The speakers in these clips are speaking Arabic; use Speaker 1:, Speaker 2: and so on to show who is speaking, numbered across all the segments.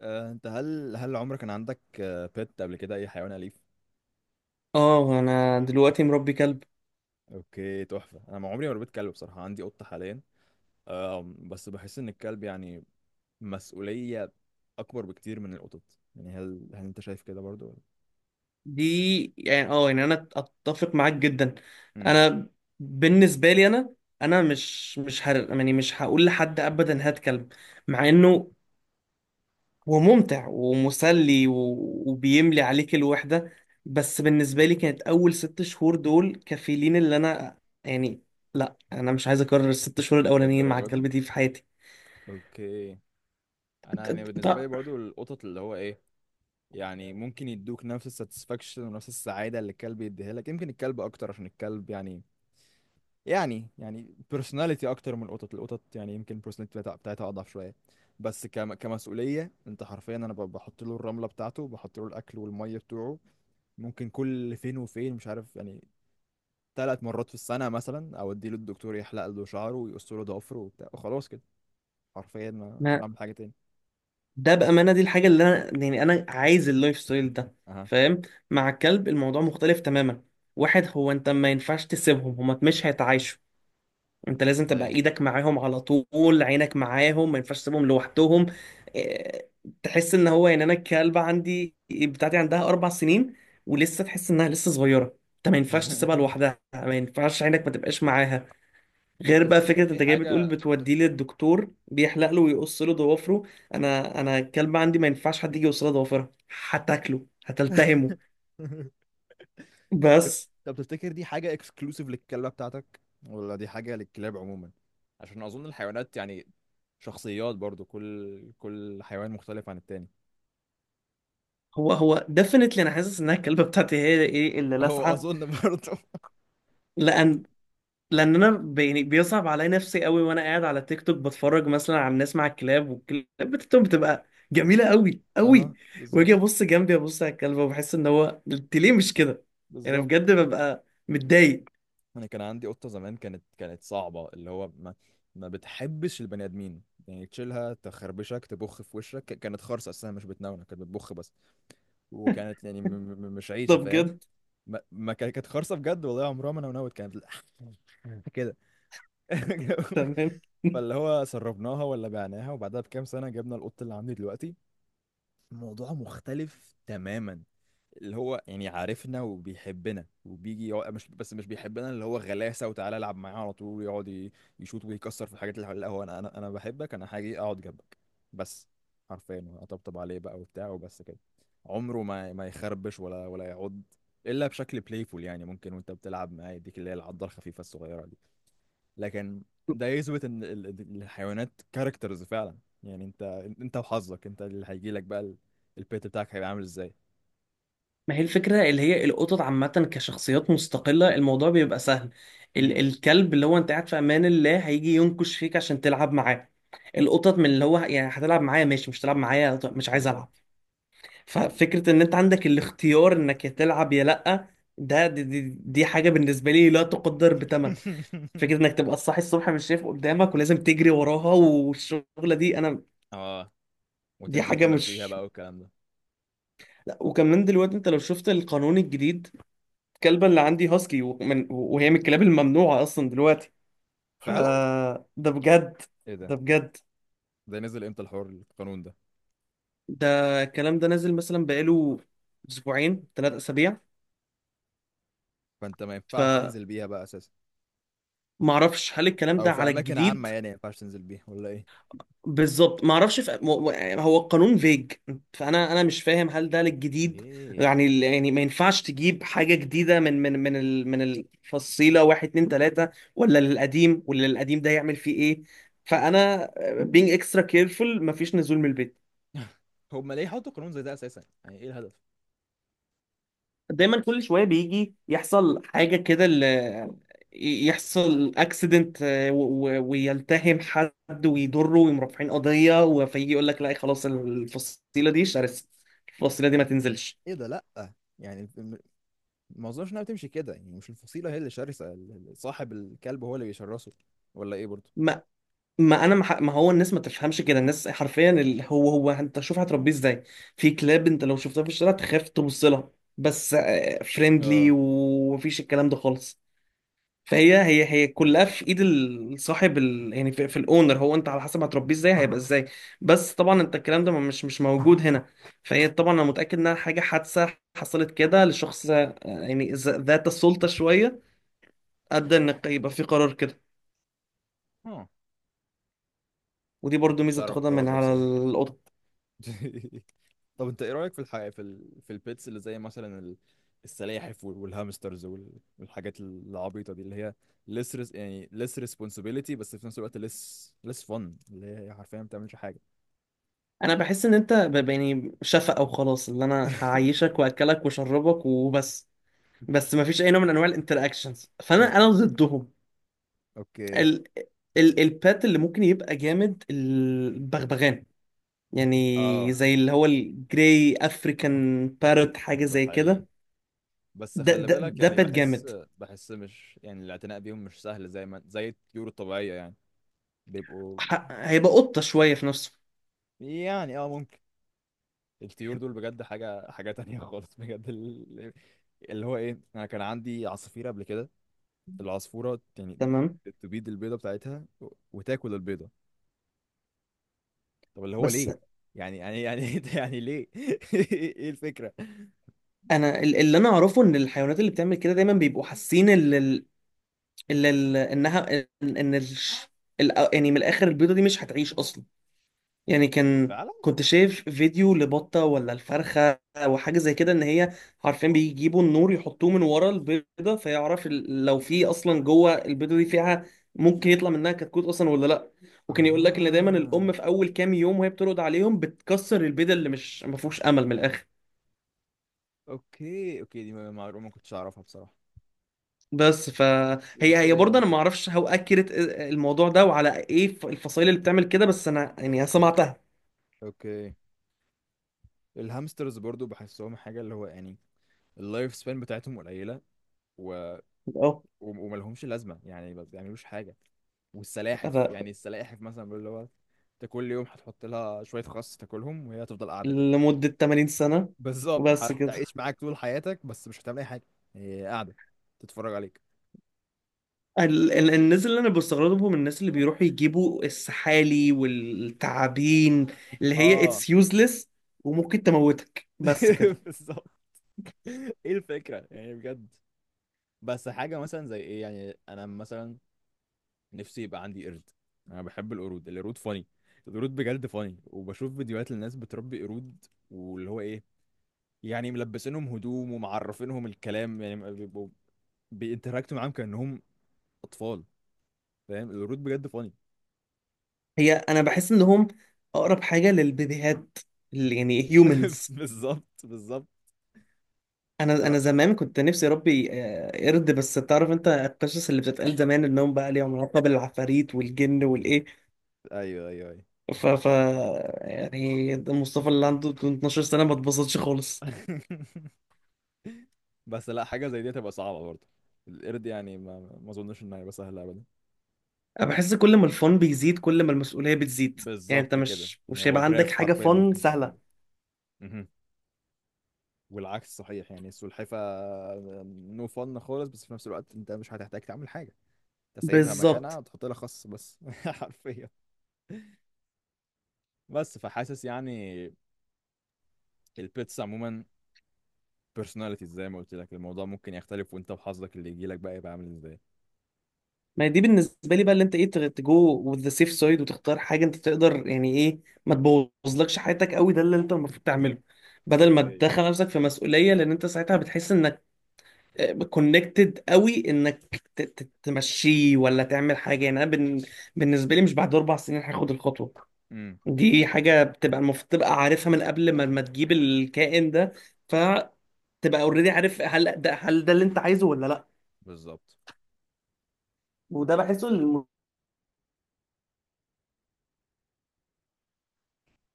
Speaker 1: انت هل عمرك كان عندك بيت قبل كده اي حيوان اليف؟
Speaker 2: اه، انا دلوقتي مربي كلب.
Speaker 1: اوكي، تحفه. انا ما عمري ما ربيت كلب بصراحه. عندي قطه حاليا. بس بحس ان الكلب يعني مسؤوليه اكبر بكتير من القطط. يعني هل انت شايف كده برضو ولا؟
Speaker 2: دي، يعني، يعني انا اتفق معاك جدا.
Speaker 1: امم.
Speaker 2: انا بالنسبه لي، انا مش هر يعني مش هقول لحد ابدا هات كلب، مع انه هو ممتع ومسلي و- وبيملي عليك الوحده. بس بالنسبه لي كانت اول 6 شهور دول كفيلين، اللي انا يعني لا، انا مش عايز اكرر الـ6 شهور الاولانيين مع
Speaker 1: للدرجة دي؟
Speaker 2: الكلب دي في حياتي.
Speaker 1: اوكي. انا يعني بالنسبه لي
Speaker 2: طب،
Speaker 1: برضو القطط اللي هو ايه، يعني ممكن يدوك نفس الساتسفاكشن ونفس السعاده اللي الكلب يديها لك، يمكن الكلب اكتر عشان الكلب يعني، يعني بيرسوناليتي اكتر من القطط. القطط يعني يمكن البيرسوناليتي بتاعتها اضعف شويه. بس كمسؤوليه انت حرفيا انا بحط له الرمله بتاعته، بحط له الاكل والميه بتوعه. ممكن كل فين وفين، مش عارف، يعني 3 مرات في السنه مثلا اوديه للدكتور يحلق له شعره ويقص له ضفره وبتاع وخلاص كده. حرفيا مش بعمل حاجه تاني.
Speaker 2: ده بأمانة دي الحاجة اللي أنا عايز اللايف ستايل ده،
Speaker 1: اها.
Speaker 2: فاهم. مع الكلب الموضوع مختلف تماما، واحد هو أنت ما ينفعش تسيبهم، هما مش هيتعايشوا. أنت لازم تبقى
Speaker 1: ازاي؟
Speaker 2: إيدك معاهم على طول، عينك معاهم، ما ينفعش تسيبهم لوحدهم. إيه، تحس إن هو يعني أنا الكلبة عندي بتاعتي عندها 4 سنين، ولسه تحس إنها لسه صغيرة. أنت ما ينفعش تسيبها لوحدها، ما ينفعش عينك ما تبقاش معاها.
Speaker 1: طب
Speaker 2: غير بقى
Speaker 1: تفتكر
Speaker 2: فكرة
Speaker 1: دي
Speaker 2: انت جاي بتقول
Speaker 1: حاجة؟
Speaker 2: بتوديه للدكتور بيحلق له ويقص له ضوافره، انا الكلب عندي ما ينفعش حد يجي يقص له ضوافرها، هتاكله، هتلتهمه. بس.
Speaker 1: طب تفتكر دي حاجة اكسكلوسيف للكلبة بتاعتك ولا دي حاجة للكلاب عموما؟ عشان اظن الحيوانات يعني شخصيات برضو، كل حيوان مختلف عن التاني.
Speaker 2: هو ديفنتلي انا حاسس انها الكلبة بتاعتي هي ايه اللي
Speaker 1: هو
Speaker 2: لاسعة.
Speaker 1: اظن برضه.
Speaker 2: لان لان انا بيصعب عليا نفسي قوي وانا قاعد على تيك توك بتفرج مثلا على الناس مع الكلاب، والكلاب بتاعتهم بتبقى جميلة قوي قوي.
Speaker 1: اها،
Speaker 2: واجي
Speaker 1: بالظبط.
Speaker 2: ابص جنبي، ابص على الكلبة وبحس ان هو انت ليه مش كده، يعني
Speaker 1: بالظبط.
Speaker 2: بجد ببقى متضايق.
Speaker 1: انا كان عندي قطه زمان، كانت صعبه، اللي هو ما بتحبش البني ادمين. يعني تشيلها تخربشك، تبخ في وشك. كانت خرصه اساسا، مش بتنونة، كانت بتبخ بس. وكانت يعني مش
Speaker 2: ده
Speaker 1: عايشه، فاهم؟
Speaker 2: بجد.
Speaker 1: ما, ما كان- كانت خرصه بجد والله، عمرها ما نونت، كانت بتل- كده.
Speaker 2: تمام.
Speaker 1: فاللي هو سربناها ولا بعناها، وبعدها بكام سنة جبنا القط اللي عندي دلوقتي. الموضوع مختلف تماما. اللي هو يعني عارفنا وبيحبنا وبيجي يقعد. مش بس مش بيحبنا، اللي هو غلاسة وتعالى العب معايا على طول. ويقعد يشوط ويكسر في الحاجات اللي حواليه. لا هو، انا بحبك، انا هاجي اقعد جنبك بس. حرفيا اطبطب عليه بقى وبتاع وبس كده. عمره ما يخربش ولا يعض، الا بشكل بلايفول. يعني ممكن وانت بتلعب معاه يديك اللي هي العضه الخفيفه الصغيره دي. لكن ده يثبت ان الحيوانات كاركترز فعلا. يعني انت، انت وحظك انت اللي هيجي لك بقى البيت بتاعك هيبقى عامل ازاي.
Speaker 2: ما هي الفكرة اللي هي القطط عامة كشخصيات مستقلة الموضوع بيبقى سهل. ال
Speaker 1: امم.
Speaker 2: الكلب اللي هو انت قاعد في امان الله هيجي ينكش فيك عشان تلعب معاه. القطط من اللي هو يعني هتلعب معايا ماشي، مش هتلعب معايا طب مش عايز العب.
Speaker 1: بالظبط.
Speaker 2: ففكرة ان انت عندك الاختيار انك يا تلعب يا لأ، دي حاجة بالنسبة لي لا تقدر بثمن. فكرة انك تبقى صاحي الصبح مش شايف قدامك ولازم تجري وراها والشغلة دي، انا
Speaker 1: اه.
Speaker 2: دي
Speaker 1: وتنزل
Speaker 2: حاجة
Speaker 1: تمشيها
Speaker 2: مش.
Speaker 1: بقى والكلام ده.
Speaker 2: لا، وكمان دلوقتي انت لو شفت القانون الجديد، الكلبة اللي عندي هاسكي، وهي من الكلاب الممنوعة أصلا دلوقتي،
Speaker 1: فعلا.
Speaker 2: فده بجد،
Speaker 1: ايه ده؟
Speaker 2: ده بجد.
Speaker 1: ده نزل امتى الحوار القانون ده؟
Speaker 2: ده الكلام ده نازل مثلا بقاله أسبوعين، 3 أسابيع،
Speaker 1: فانت ما ينفعش تنزل بيها بقى اساسا؟
Speaker 2: فمعرفش هل الكلام
Speaker 1: او
Speaker 2: ده
Speaker 1: في
Speaker 2: على
Speaker 1: اماكن
Speaker 2: الجديد.
Speaker 1: عامة يعني ما ينفعش تنزل بيها ولا ايه؟
Speaker 2: بالظبط، ما اعرفش يعني هو القانون فيج. فانا مش فاهم هل ده للجديد،
Speaker 1: اوكي.
Speaker 2: يعني ما ينفعش تجيب حاجه جديده من الفصيله واحد اتنين تلاته، ولا للقديم ده يعمل فيه ايه. فانا being extra careful، مفيش نزول من البيت.
Speaker 1: هما ليه حطوا قانون زي ده اساسا؟ يعني ايه الهدف؟
Speaker 2: دايما كل شويه بيجي يحصل حاجه كده، يحصل اكسيدنت ويلتهم حد ويضره ويقوم رافعين قضيه، فيجي يقول لك لا خلاص الفصيله دي شرسه، الفصيله دي ما تنزلش.
Speaker 1: ايه ده؟ لا يعني ما اظنش انها بتمشي كده، يعني مش الفصيله هي اللي شرسه، صاحب الكلب هو اللي بيشرسه. ولا ايه برضه؟
Speaker 2: ما ما انا ما ح- ما هو الناس ما تفهمش كده، الناس حرفيا اللي هو انت شوف هتربيه ازاي. في كلاب انت لو شفتها في الشارع تخاف تبص لها، بس فريندلي
Speaker 1: اه.
Speaker 2: ومفيش الكلام ده خالص. فهي هي هي كلها
Speaker 1: امم.
Speaker 2: في ايد صاحب ال... يعني في الاونر، هو انت على حسب هتربيه ازاي هيبقى ازاي. بس طبعا انت الكلام ده مش موجود هنا. فهي طبعا انا متاكد انها حاجه حادثه حصلت كده لشخص، يعني ذات السلطه شويه ادى ان يبقى في قرار كده.
Speaker 1: اه،
Speaker 2: ودي
Speaker 1: ما
Speaker 2: برضو
Speaker 1: كنتش
Speaker 2: ميزه
Speaker 1: اعرف
Speaker 2: بتاخدها
Speaker 1: الحوار
Speaker 2: من
Speaker 1: ده
Speaker 2: على
Speaker 1: بصراحه.
Speaker 2: القطط.
Speaker 1: طب انت ايه رايك في الحقيقه في البيتس اللي زي السلاحف والهامسترز والحاجات العبيطه دي اللي هي يعني less responsibility، بس في نفس الوقت less fun. اللي هي حرفيا ما بتعملش حاجه.
Speaker 2: انا بحس ان انت شفقه وخلاص، اللي انا هعيشك واكلك واشربك وبس، بس مفيش اي نوع من انواع الانتراكشنز، فانا
Speaker 1: بالظبط.
Speaker 2: ضدهم.
Speaker 1: اوكي.
Speaker 2: ال ال البات اللي ممكن يبقى جامد البغبغان، يعني
Speaker 1: اه.
Speaker 2: زي اللي هو الجراي افريكان بارت، حاجة
Speaker 1: ده
Speaker 2: زي
Speaker 1: حقيقي.
Speaker 2: كده.
Speaker 1: بس
Speaker 2: ده
Speaker 1: خلي
Speaker 2: ده
Speaker 1: بالك،
Speaker 2: ده
Speaker 1: يعني
Speaker 2: بات جامد.
Speaker 1: بحس، بحس مش يعني الاعتناء بيهم مش سهل زي ما زي الطيور الطبيعية يعني، بيبقوا.
Speaker 2: هيبقى قطة شوية في نفسه.
Speaker 1: يعني اه ممكن. الطيور دول بجد حاجة تانية خالص بجد. اللي هو ايه، انا كان عندي عصافير قبل كده. العصفورة يعني
Speaker 2: تمام.
Speaker 1: تبيض البيضة بتاعتها وتاكل البيضة. طب اللي هو
Speaker 2: بس
Speaker 1: ليه؟ يعني يعني ليه؟ ايه الفكرة؟
Speaker 2: انا اللي انا اعرفه ان الحيوانات اللي بتعمل كده دايما بيبقوا حاسين انها ان إن الش- ال- يعني من الاخر البيضة دي مش هتعيش اصلا. يعني كان
Speaker 1: فعلا.
Speaker 2: كنت شايف فيديو لبطة ولا الفرخة أو حاجة زي كده إن هي عارفين بيجيبوا النور يحطوه من ورا البيضة فيعرف لو في أصلا جوه البيضة دي فيها ممكن يطلع منها كتكوت أصلا ولا لأ. وكان يقول لك إن دايما الأم
Speaker 1: اها.
Speaker 2: في أول كام يوم وهي بترقد عليهم بتكسر البيضة اللي مش ما فيهوش أمل من الآخر.
Speaker 1: اوكي، اوكي، دي معلومة ما كنتش اعرفها بصراحة.
Speaker 2: بس فهي
Speaker 1: لو
Speaker 2: هي هي
Speaker 1: كده يبقى
Speaker 2: برضه انا ما
Speaker 1: منطقي.
Speaker 2: اعرفش هو اكيرت الموضوع ده وعلى ايه الفصائل اللي بتعمل كده، بس انا يعني سمعتها.
Speaker 1: اوكي. الهامسترز برضو بحسهم حاجة اللي هو يعني اللايف سبان بتاعتهم قليلة. و...
Speaker 2: اه،
Speaker 1: وملهمش لازمة، يعني ما بيعملوش حاجة. والسلاحف،
Speaker 2: أنا
Speaker 1: يعني السلاحف مثلا بيقول اللي هو، انت كل يوم هتحط لها شوية خس تاكلهم وهي هتفضل قاعدة كده.
Speaker 2: لمدة 80 سنة
Speaker 1: بالظبط،
Speaker 2: وبس كده.
Speaker 1: هتعيش معاك طول حياتك بس مش هتعمل أي حاجة. هي قاعدة تتفرج عليك.
Speaker 2: الناس اللي انا بستغربهم الناس اللي بيروحوا يجيبوا السحالي والتعابين، اللي هي
Speaker 1: اه.
Speaker 2: اتس يوزلس، وممكن تموتك، بس كده.
Speaker 1: بالظبط. ايه الفكرة يعني بجد؟ بس حاجة مثلا زي ايه، يعني انا مثلا نفسي يبقى عندي قرد. انا بحب القرود. القرود فاني. القرود بجد فاني، وبشوف فيديوهات للناس بتربي قرود، واللي هو ايه، يعني ملبسينهم هدوم ومعرفينهم الكلام، يعني ما بيبقوا بينتراكتوا معاهم كأنهم اطفال. فاهم؟ القرود بجد فاني.
Speaker 2: هي انا بحس انهم اقرب حاجه للبيبيهات اللي يعني هيومنز.
Speaker 1: بالظبط، بالظبط.
Speaker 2: انا
Speaker 1: لا.
Speaker 2: زمان كنت نفسي اربي قرد، بس تعرف انت القصص اللي بتتقال زمان انهم بقى ليهم علاقه بالعفاريت والجن والايه،
Speaker 1: ايوه، ايوه، ايوه.
Speaker 2: ف ف يعني مصطفى اللي عنده 12 سنه ما اتبسطش خالص.
Speaker 1: بس لا، حاجه زي دي هتبقى صعبه برضه. القرد يعني ما اظنش انها هيبقى سهله ابدا.
Speaker 2: انا بحس كل ما الفن بيزيد كل ما المسؤوليه بتزيد، يعني انت
Speaker 1: بالظبط كده،
Speaker 2: مش
Speaker 1: يعني
Speaker 2: مش
Speaker 1: هو
Speaker 2: هيبقى عندك
Speaker 1: جراف
Speaker 2: حاجه
Speaker 1: حرفيا
Speaker 2: فن
Speaker 1: ممكن ترسمه.
Speaker 2: سهله.
Speaker 1: مهم. والعكس صحيح، يعني السلحفة نو فن خالص، بس في نفس الوقت انت مش هتحتاج تعمل حاجة. انت سايبها
Speaker 2: بالظبط،
Speaker 1: مكانها تحط لها خص بس حرفيا. بس فحاسس يعني، البيتس عموما personalities، زي ما قلت لك الموضوع ممكن يختلف، وانت وحظك اللي يجي لك بقى يبقى عامل ازاي.
Speaker 2: ما هي دي بالنسبه لي بقى اللي انت ايه تجو وذ ذا سيف سايد، وتختار حاجه انت تقدر، يعني ايه، ما تبوظلكش حياتك قوي، ده اللي انت المفروض تعمله بدل ما
Speaker 1: اوكي.
Speaker 2: تدخل نفسك في مسؤوليه، لان انت ساعتها بتحس انك كونكتد قوي انك تمشيه ولا تعمل حاجه. يعني انا بالنسبه لي مش بعد 4 سنين هاخد الخطوه.
Speaker 1: امم.
Speaker 2: دي حاجه بتبقى المفروض تبقى عارفها من قبل ما تجيب الكائن ده، تبقى اوريدي عارف هل ده اللي انت عايزه ولا لا.
Speaker 1: بالظبط.
Speaker 2: وده بحسه.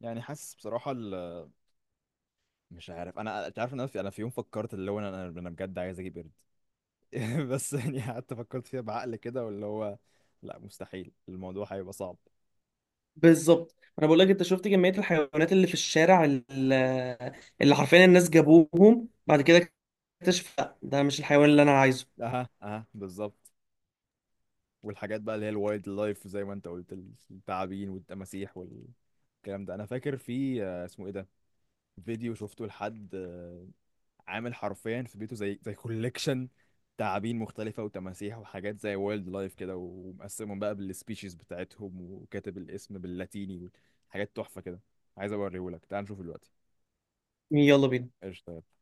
Speaker 1: يعني حاسس بصراحة، مش عارف. انا انت عارف ان انا انا في يوم فكرت اللي هو انا انا أنا بجد عايز اجيب قرد. بس يعني قعدت فكرت فيها بعقل كده واللي هو، لا مستحيل، الموضوع هيبقى صعب.
Speaker 2: بالظبط، انا بقول لك انت شفت كميه الحيوانات اللي في الشارع اللي حرفيا الناس جابوهم بعد كده اكتشف لا ده مش الحيوان اللي انا عايزه.
Speaker 1: اها، اها، بالظبط. والحاجات بقى اللي هي الوايلد لايف زي ما انت قلت، التعابين والتماسيح والكلام ده. انا فاكر في اسمه ايه ده، فيديو شفته لحد عامل حرفيا في بيته زي كوليكشن تعابين مختلفة وتماسيح وحاجات زي وايلد لايف كده، ومقسمهم بقى بالسبيشيز بتاعتهم وكاتب الاسم باللاتيني. حاجات تحفة كده. عايز اوريهولك، تعال نشوف دلوقتي.
Speaker 2: يلا بينا.
Speaker 1: قشطة.